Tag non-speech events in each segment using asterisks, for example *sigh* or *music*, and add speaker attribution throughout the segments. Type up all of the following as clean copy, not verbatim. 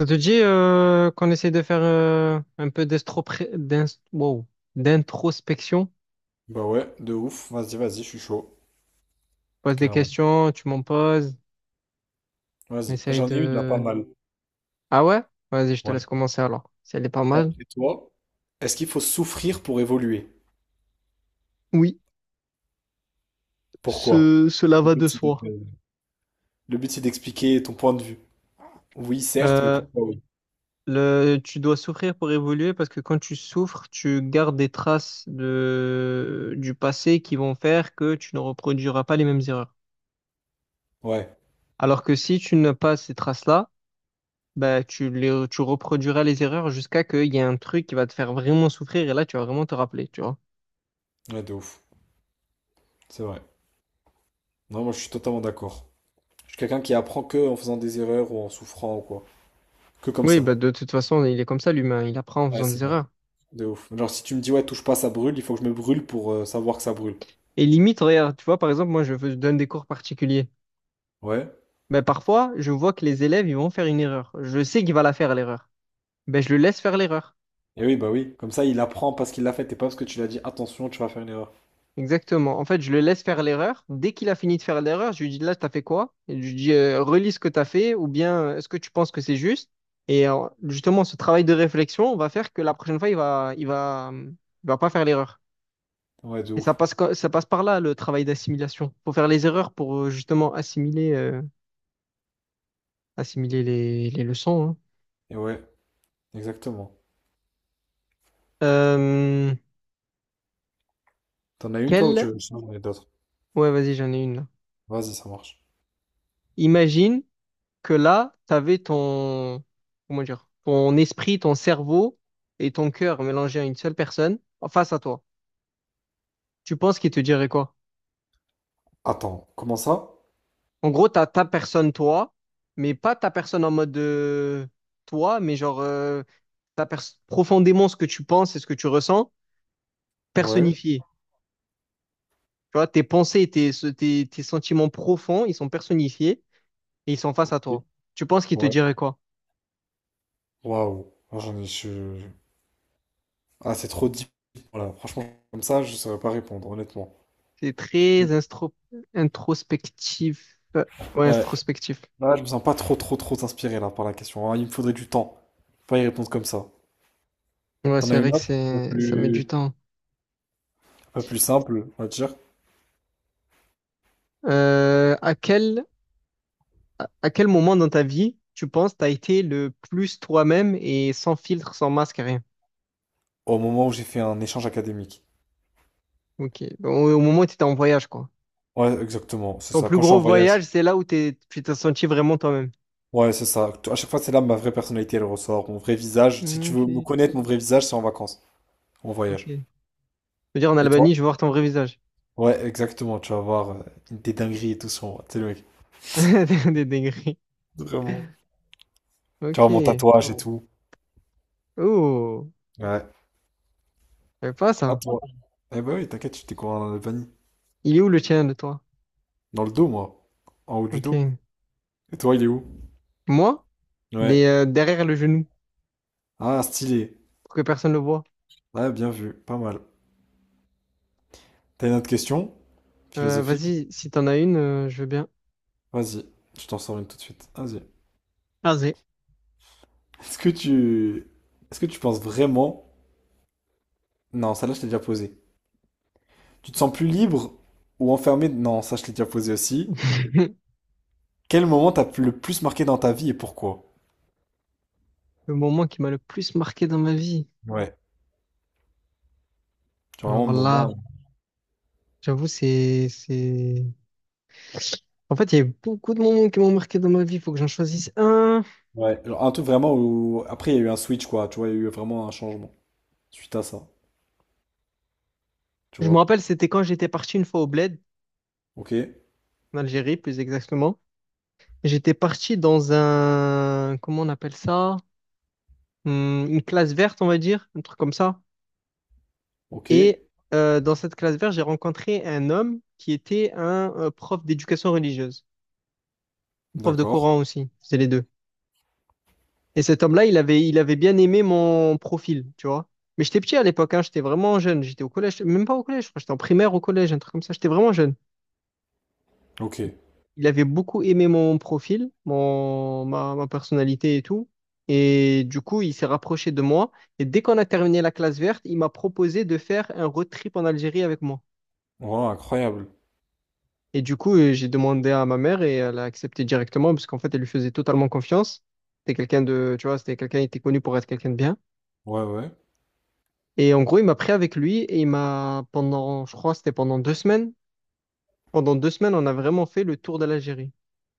Speaker 1: Ça te dit qu'on essaie de faire un peu wow, d'introspection?
Speaker 2: Bah ouais, de ouf. Vas-y, vas-y, je suis chaud.
Speaker 1: Je pose des
Speaker 2: Carrément.
Speaker 1: questions, tu m'en poses, on
Speaker 2: Vas-y.
Speaker 1: essaye
Speaker 2: J'en ai une là pas
Speaker 1: de...
Speaker 2: mal.
Speaker 1: Ah ouais? Vas-y, je te
Speaker 2: Ouais.
Speaker 1: laisse commencer alors. Si elle est pas mal.
Speaker 2: D'après toi, est-ce qu'il faut souffrir pour évoluer?
Speaker 1: Oui,
Speaker 2: Pourquoi?
Speaker 1: cela
Speaker 2: Le
Speaker 1: va de
Speaker 2: but, c'est d'être,
Speaker 1: soi.
Speaker 2: le but, c'est d'expliquer ton point de vue. Oui, certes, mais
Speaker 1: Euh,
Speaker 2: pourquoi oui?
Speaker 1: Tu dois souffrir pour évoluer parce que quand tu souffres, tu gardes des traces du passé qui vont faire que tu ne reproduiras pas les mêmes erreurs.
Speaker 2: Ouais.
Speaker 1: Alors que si tu n'as pas ces traces-là, bah, tu reproduiras les erreurs jusqu'à qu'il y ait un truc qui va te faire vraiment souffrir et là, tu vas vraiment te rappeler, tu vois.
Speaker 2: Ouais, de ouf. C'est vrai. Non, moi, je suis totalement d'accord. Je suis quelqu'un qui apprend que en faisant des erreurs ou en souffrant ou quoi. Que comme
Speaker 1: Oui,
Speaker 2: ça.
Speaker 1: bah, de toute façon, il est comme ça, l'humain. Il apprend en
Speaker 2: Ouais,
Speaker 1: faisant des
Speaker 2: c'est vrai.
Speaker 1: erreurs.
Speaker 2: De ouf. Genre, si tu me dis, ouais, touche pas, ça brûle, il faut que je me brûle pour savoir que ça brûle.
Speaker 1: Et limite, regarde, tu vois, par exemple, moi, je donne des cours particuliers.
Speaker 2: Ouais.
Speaker 1: Bah, parfois, je vois que les élèves, ils vont faire une erreur. Je sais qu'il va la faire, l'erreur. Bah, je le laisse faire l'erreur.
Speaker 2: Et oui, bah oui. Comme ça, il apprend parce qu'il l'a fait et pas parce que tu l'as dit, attention, tu vas faire une erreur.
Speaker 1: Exactement. En fait, je le laisse faire l'erreur. Dès qu'il a fini de faire l'erreur, je lui dis là, t'as fait quoi? Et je lui dis relis ce que t'as fait ou bien est-ce que tu penses que c'est juste? Et justement, ce travail de réflexion va faire que la prochaine fois, il va pas faire l'erreur.
Speaker 2: Ouais, de
Speaker 1: Et
Speaker 2: ouf.
Speaker 1: ça passe par là, le travail d'assimilation. Faut faire les erreurs pour justement assimiler les leçons, hein.
Speaker 2: Et ouais, exactement.
Speaker 1: Euh,
Speaker 2: T'en as une toi ou tu
Speaker 1: quelle...
Speaker 2: veux que je ai d'autres?
Speaker 1: Ouais, vas-y, j'en ai une là.
Speaker 2: Vas-y, ça marche.
Speaker 1: Imagine que là, tu avais ton, comment dire, ton esprit, ton cerveau et ton cœur mélangés à une seule personne en face à toi, tu penses qu'il te dirait quoi?
Speaker 2: Attends, comment ça?
Speaker 1: En gros, tu as ta personne, toi, mais pas ta personne en mode toi, mais genre profondément ce que tu penses et ce que tu ressens,
Speaker 2: Ouais.
Speaker 1: personnifié. Tu vois, tes pensées et tes sentiments profonds, ils sont personnifiés et ils sont face à
Speaker 2: Ok.
Speaker 1: toi. Tu penses qu'il te
Speaker 2: Ouais.
Speaker 1: dirait quoi?
Speaker 2: Waouh. Moi, Ah, c'est trop deep. Voilà, franchement, comme ça, je saurais pas répondre, honnêtement.
Speaker 1: C'est très instro- Introspectif. Ouais,
Speaker 2: Ouais.
Speaker 1: introspectif.
Speaker 2: Là, je me sens pas trop, trop, trop inspiré là par la question, hein. Il me faudrait du temps. Pas y répondre comme ça.
Speaker 1: Ouais,
Speaker 2: T'en as
Speaker 1: c'est vrai
Speaker 2: une
Speaker 1: que
Speaker 2: autre,
Speaker 1: ça met du temps.
Speaker 2: un peu plus simple, on va dire.
Speaker 1: Euh, à quel, à quel moment dans ta vie, tu penses, t'as été le plus toi-même et sans filtre, sans masque, rien?
Speaker 2: Au moment où j'ai fait un échange académique.
Speaker 1: Ok. Au moment où t'étais en voyage, quoi.
Speaker 2: Ouais, exactement, c'est
Speaker 1: Ton
Speaker 2: ça.
Speaker 1: plus
Speaker 2: Quand je suis en
Speaker 1: gros
Speaker 2: voyage.
Speaker 1: voyage, c'est là où tu t'es senti vraiment toi-même.
Speaker 2: Ouais, c'est ça. À chaque fois, c'est là ma vraie personnalité, elle ressort. Mon vrai visage. Si tu veux me
Speaker 1: Ok.
Speaker 2: connaître, mon vrai visage, c'est en vacances, en
Speaker 1: Ok.
Speaker 2: voyage.
Speaker 1: Je veux dire, en
Speaker 2: Et toi?
Speaker 1: Albanie, je vais voir ton vrai visage.
Speaker 2: Ouais, exactement. Tu vas voir des dingueries et tout sur moi. Tu sais, le mec.
Speaker 1: *laughs* Des des degrés.
Speaker 2: Vraiment. Tu vois mon
Speaker 1: Ok.
Speaker 2: tatouage et tout.
Speaker 1: Oh.
Speaker 2: Ouais.
Speaker 1: Je pas
Speaker 2: À
Speaker 1: ça.
Speaker 2: toi. Eh ben oui, t'inquiète, je t'ai découvert en Albanie.
Speaker 1: Il est où le tien de toi?
Speaker 2: Dans le dos, moi. En haut du dos.
Speaker 1: Ok.
Speaker 2: Et toi, il est où?
Speaker 1: Moi? Il est
Speaker 2: Ouais.
Speaker 1: derrière le genou
Speaker 2: Ah, stylé.
Speaker 1: pour que personne le voit.
Speaker 2: Ouais, bien vu. Pas mal. T'as une autre question? Philosophique?
Speaker 1: Vas-y, si t'en as une, je veux bien.
Speaker 2: Vas-y. Je t'en sors une tout de suite. Vas-y.
Speaker 1: Ah, c'est
Speaker 2: Est-ce que tu... Est-ce que tu penses vraiment... Non, celle-là, je t'ai déjà posée. Tu te sens plus libre ou enfermé? Non, ça je l'ai déjà posé aussi.
Speaker 1: *laughs*
Speaker 2: Quel moment t'as le plus marqué dans ta vie et pourquoi?
Speaker 1: le moment qui m'a le plus marqué dans ma vie.
Speaker 2: Ouais. Genre vraiment un
Speaker 1: Alors là,
Speaker 2: moment.
Speaker 1: j'avoue, c'est... En fait, il y a eu beaucoup de moments qui m'ont marqué dans ma vie. Il faut que j'en choisisse un.
Speaker 2: Ouais. Genre un truc vraiment où. Après, il y a eu un switch, quoi. Tu vois, il y a eu vraiment un changement suite à ça. Tu
Speaker 1: Je me
Speaker 2: vois?
Speaker 1: rappelle, c'était quand j'étais parti une fois au Bled,
Speaker 2: Ok.
Speaker 1: en Algérie, plus exactement. J'étais parti dans un... Comment on appelle ça? Une classe verte, on va dire, un truc comme ça.
Speaker 2: Ok.
Speaker 1: Et dans cette classe verte, j'ai rencontré un homme qui était un prof d'éducation religieuse, prof de
Speaker 2: D'accord.
Speaker 1: Coran aussi. C'est les deux. Et cet homme-là, il avait bien aimé mon profil, tu vois. Mais j'étais petit à l'époque, hein, j'étais vraiment jeune. J'étais au collège, même pas au collège, je crois, j'étais en primaire, au collège, un truc comme ça. J'étais vraiment jeune.
Speaker 2: Ok.
Speaker 1: Il avait beaucoup aimé mon profil, ma personnalité et tout. Et du coup, il s'est rapproché de moi. Et dès qu'on a terminé la classe verte, il m'a proposé de faire un road trip en Algérie avec moi.
Speaker 2: Wow, incroyable.
Speaker 1: Et du coup, j'ai demandé à ma mère et elle a accepté directement parce qu'en fait, elle lui faisait totalement confiance. C'était quelqu'un de, tu vois, c'était quelqu'un, il était connu pour être quelqu'un de bien.
Speaker 2: Ouais, ouais.
Speaker 1: Et en gros, il m'a pris avec lui et pendant, je crois, c'était pendant deux semaines. Pendant deux semaines, on a vraiment fait le tour de l'Algérie.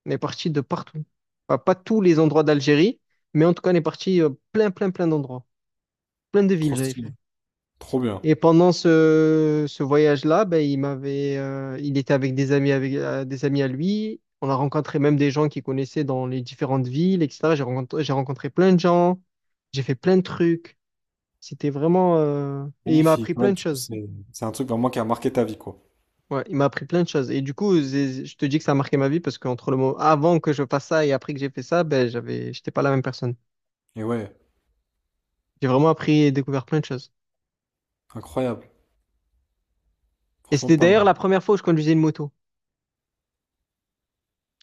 Speaker 1: On est parti de partout. Enfin, pas tous les endroits d'Algérie, mais en tout cas, on est parti plein, plein, plein d'endroits. Plein de villes,
Speaker 2: Trop
Speaker 1: j'avais
Speaker 2: stylé.
Speaker 1: fait.
Speaker 2: Trop bien.
Speaker 1: Et pendant ce voyage-là, ben, il était avec, des amis à lui. On a rencontré même des gens qu'il connaissait dans les différentes villes, etc. J'ai rencontré plein de gens. J'ai fait plein de trucs. C'était et il m'a appris
Speaker 2: Magnifique.
Speaker 1: plein
Speaker 2: Ouais,
Speaker 1: de
Speaker 2: du coup,
Speaker 1: choses.
Speaker 2: c'est un truc vraiment qui a marqué ta vie, quoi.
Speaker 1: Ouais, il m'a appris plein de choses. Et du coup, je te dis que ça a marqué ma vie parce qu'entre le moment avant que je fasse ça et après que j'ai fait ça, ben, j'étais pas la même personne.
Speaker 2: Et ouais,
Speaker 1: J'ai vraiment appris et découvert plein de choses.
Speaker 2: incroyable.
Speaker 1: Et
Speaker 2: Franchement,
Speaker 1: c'était
Speaker 2: pas
Speaker 1: d'ailleurs
Speaker 2: mal.
Speaker 1: la première fois où je conduisais une moto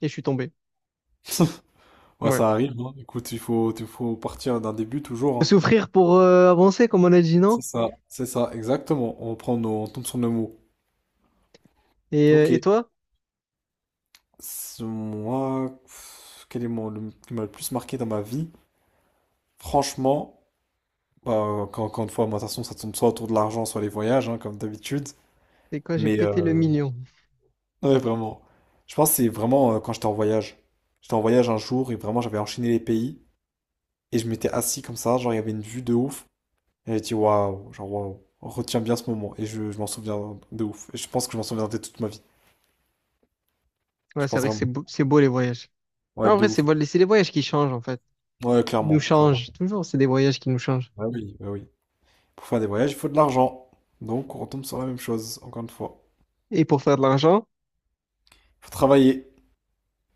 Speaker 1: et je suis tombé.
Speaker 2: *laughs* Ouais,
Speaker 1: Ouais.
Speaker 2: ça arrive, hein. Écoute, il faut partir d'un début toujours,
Speaker 1: Faut
Speaker 2: hein.
Speaker 1: souffrir pour avancer, comme on a dit, non?
Speaker 2: C'est ça, exactement. On prend nos, on tombe sur nos mots. Ok.
Speaker 1: Et toi?
Speaker 2: C'est moi, pff, quel est mon, le- qui m'a le plus marqué dans ma vie? Franchement, bah, quand, encore une fois, moi, de toute façon, ça tourne soit autour de l'argent, soit les voyages, hein, comme d'habitude.
Speaker 1: C'est quand j'ai
Speaker 2: Mais
Speaker 1: pété le million.
Speaker 2: *laughs* ouais, vraiment. Je pense que c'est vraiment quand j'étais en voyage. J'étais en voyage un jour et vraiment, j'avais enchaîné les pays et je m'étais assis comme ça, genre il y avait une vue de ouf. Et j'ai dit waouh, genre waouh, retiens bien ce moment et je m'en souviens de ouf. Et je pense que je m'en souviendrai toute ma vie. Je
Speaker 1: Ouais, c'est
Speaker 2: pense
Speaker 1: vrai que
Speaker 2: vraiment.
Speaker 1: c'est beau les voyages.
Speaker 2: Ouais,
Speaker 1: Ah, en
Speaker 2: de
Speaker 1: vrai, c'est
Speaker 2: ouf.
Speaker 1: beau, c'est les voyages qui changent en fait.
Speaker 2: Ouais,
Speaker 1: Ils nous
Speaker 2: clairement, clairement.
Speaker 1: changent. Toujours, c'est des voyages qui nous changent.
Speaker 2: Bah oui, bah oui. Pour faire des voyages, il faut de l'argent. Donc, on retombe sur la même chose, encore une fois.
Speaker 1: Et pour faire de l'argent,
Speaker 2: Faut travailler.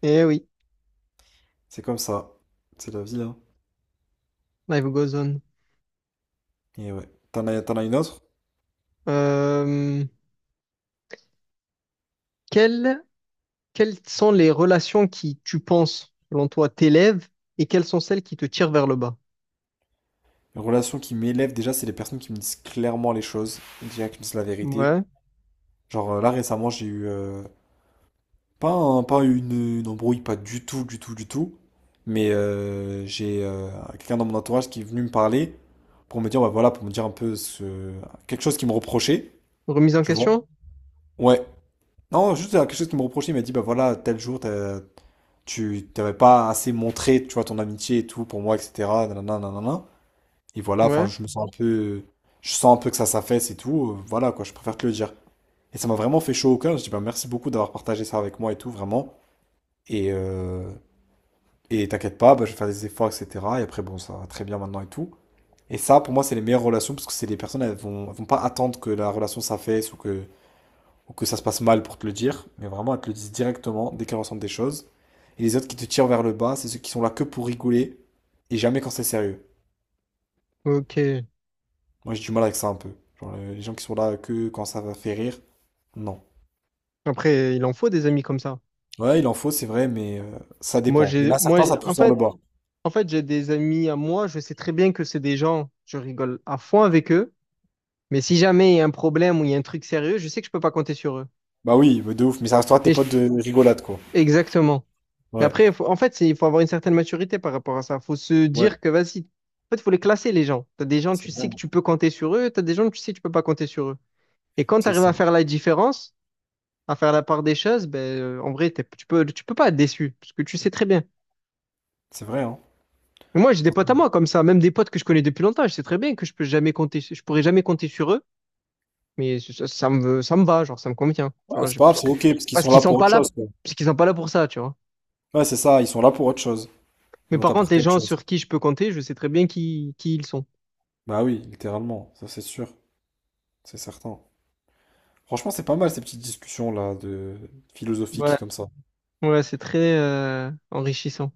Speaker 1: eh oui,
Speaker 2: C'est comme ça. C'est la vie, hein.
Speaker 1: life goes on.
Speaker 2: Et ouais. T'en as une autre?
Speaker 1: Euh, quel Quelles sont les relations qui, tu penses, selon toi, t'élèvent et quelles sont celles qui te tirent vers le bas?
Speaker 2: Une relation qui m'élève déjà, c'est les personnes qui me disent clairement les choses, déjà qui me disent la vérité.
Speaker 1: Ouais.
Speaker 2: Genre là récemment, j'ai eu pas une, une embrouille, pas du tout, du tout, du tout. Mais j'ai quelqu'un dans mon entourage qui est venu me parler pour me dire, bah voilà, pour me dire un peu ce quelque chose qui me reprochait,
Speaker 1: Remise en
Speaker 2: tu vois?
Speaker 1: question?
Speaker 2: Ouais. Non, juste quelque chose qui me reprochait, il m'a dit, bah voilà, tel jour, tu t'avais pas assez montré, tu vois, ton amitié et tout pour moi, etc. Nanana, nanana. Et voilà, enfin,
Speaker 1: Ouais.
Speaker 2: je me sens un peu, je sens un peu que ça s'affaisse et tout, voilà, quoi, je préfère te le dire. Et ça m'a vraiment fait chaud au cœur, je dis, bah merci beaucoup d'avoir partagé ça avec moi et tout, vraiment. Et, euh, et t'inquiète pas, bah, je vais faire des efforts, etc. Et après, bon, ça va très bien maintenant et tout. Et ça, pour moi, c'est les meilleures relations, parce que c'est les personnes, elles vont pas attendre que la relation s'affaisse ou que ça se passe mal pour te le dire, mais vraiment, elles te le disent directement dès qu'elles ressentent des choses. Et les autres qui te tirent vers le bas, c'est ceux qui sont là que pour rigoler et jamais quand c'est sérieux.
Speaker 1: Ok.
Speaker 2: Moi, j'ai du mal avec ça un peu. Genre, les gens qui sont là que quand ça va faire rire, non.
Speaker 1: Après, il en faut des amis comme ça.
Speaker 2: Ouais, il en faut, c'est vrai, mais ça
Speaker 1: Parce que
Speaker 2: dépend. Il y en a
Speaker 1: moi,
Speaker 2: certains, ça pousse vers le bas.
Speaker 1: en fait, j'ai des amis à moi. Je sais très bien que c'est des gens, je rigole à fond avec eux. Mais si jamais il y a un problème ou il y a un truc sérieux, je sais que je peux pas compter sur eux.
Speaker 2: Bah oui, mais de ouf, mais ça restera tes
Speaker 1: Et je-
Speaker 2: potes de rigolade, quoi.
Speaker 1: Exactement. Mais
Speaker 2: Ouais,
Speaker 1: après, il faut avoir une certaine maturité par rapport à ça. Faut se
Speaker 2: ouais,
Speaker 1: dire que, vas-y, en fait, il faut les classer, les gens. T'as des gens, tu
Speaker 2: c'est
Speaker 1: sais
Speaker 2: vrai,
Speaker 1: que tu peux compter sur eux, t'as des gens, tu sais que tu peux pas compter sur eux. Et quand tu
Speaker 2: c'est
Speaker 1: arrives
Speaker 2: ça.
Speaker 1: à faire la différence, à faire la part des choses, ben, en vrai, tu peux pas être déçu, parce que tu sais très bien.
Speaker 2: C'est vrai, hein.
Speaker 1: Et moi, j'ai des potes à moi
Speaker 2: Totalement.
Speaker 1: comme ça, même des potes que je connais depuis longtemps, je sais très bien que je peux jamais compter, je pourrais jamais compter sur eux, mais ça, ça me va, genre, ça me convient. Tu
Speaker 2: Ouais,
Speaker 1: vois,
Speaker 2: c'est pas grave,
Speaker 1: parce
Speaker 2: c'est
Speaker 1: que,
Speaker 2: ok, parce qu'ils
Speaker 1: parce
Speaker 2: sont là
Speaker 1: qu'ils sont
Speaker 2: pour
Speaker 1: pas
Speaker 2: autre
Speaker 1: là,
Speaker 2: chose, quoi.
Speaker 1: parce qu'ils sont pas là pour ça, tu vois.
Speaker 2: Ouais, c'est ça, ils sont là pour autre chose. Ils
Speaker 1: Mais
Speaker 2: vont
Speaker 1: par contre, les
Speaker 2: t'apporter autre
Speaker 1: gens
Speaker 2: chose.
Speaker 1: sur qui je peux compter, je sais très bien qui ils sont.
Speaker 2: Bah oui, littéralement, ça c'est sûr. C'est certain. Franchement, c'est pas mal ces petites discussions-là de philosophiques
Speaker 1: Ouais.
Speaker 2: comme ça.
Speaker 1: Ouais, c'est très enrichissant.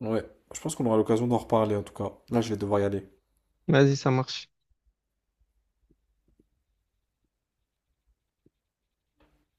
Speaker 2: Ouais, je pense qu'on aura l'occasion d'en reparler en tout cas. Là, je vais devoir y aller.
Speaker 1: Vas-y, ça marche.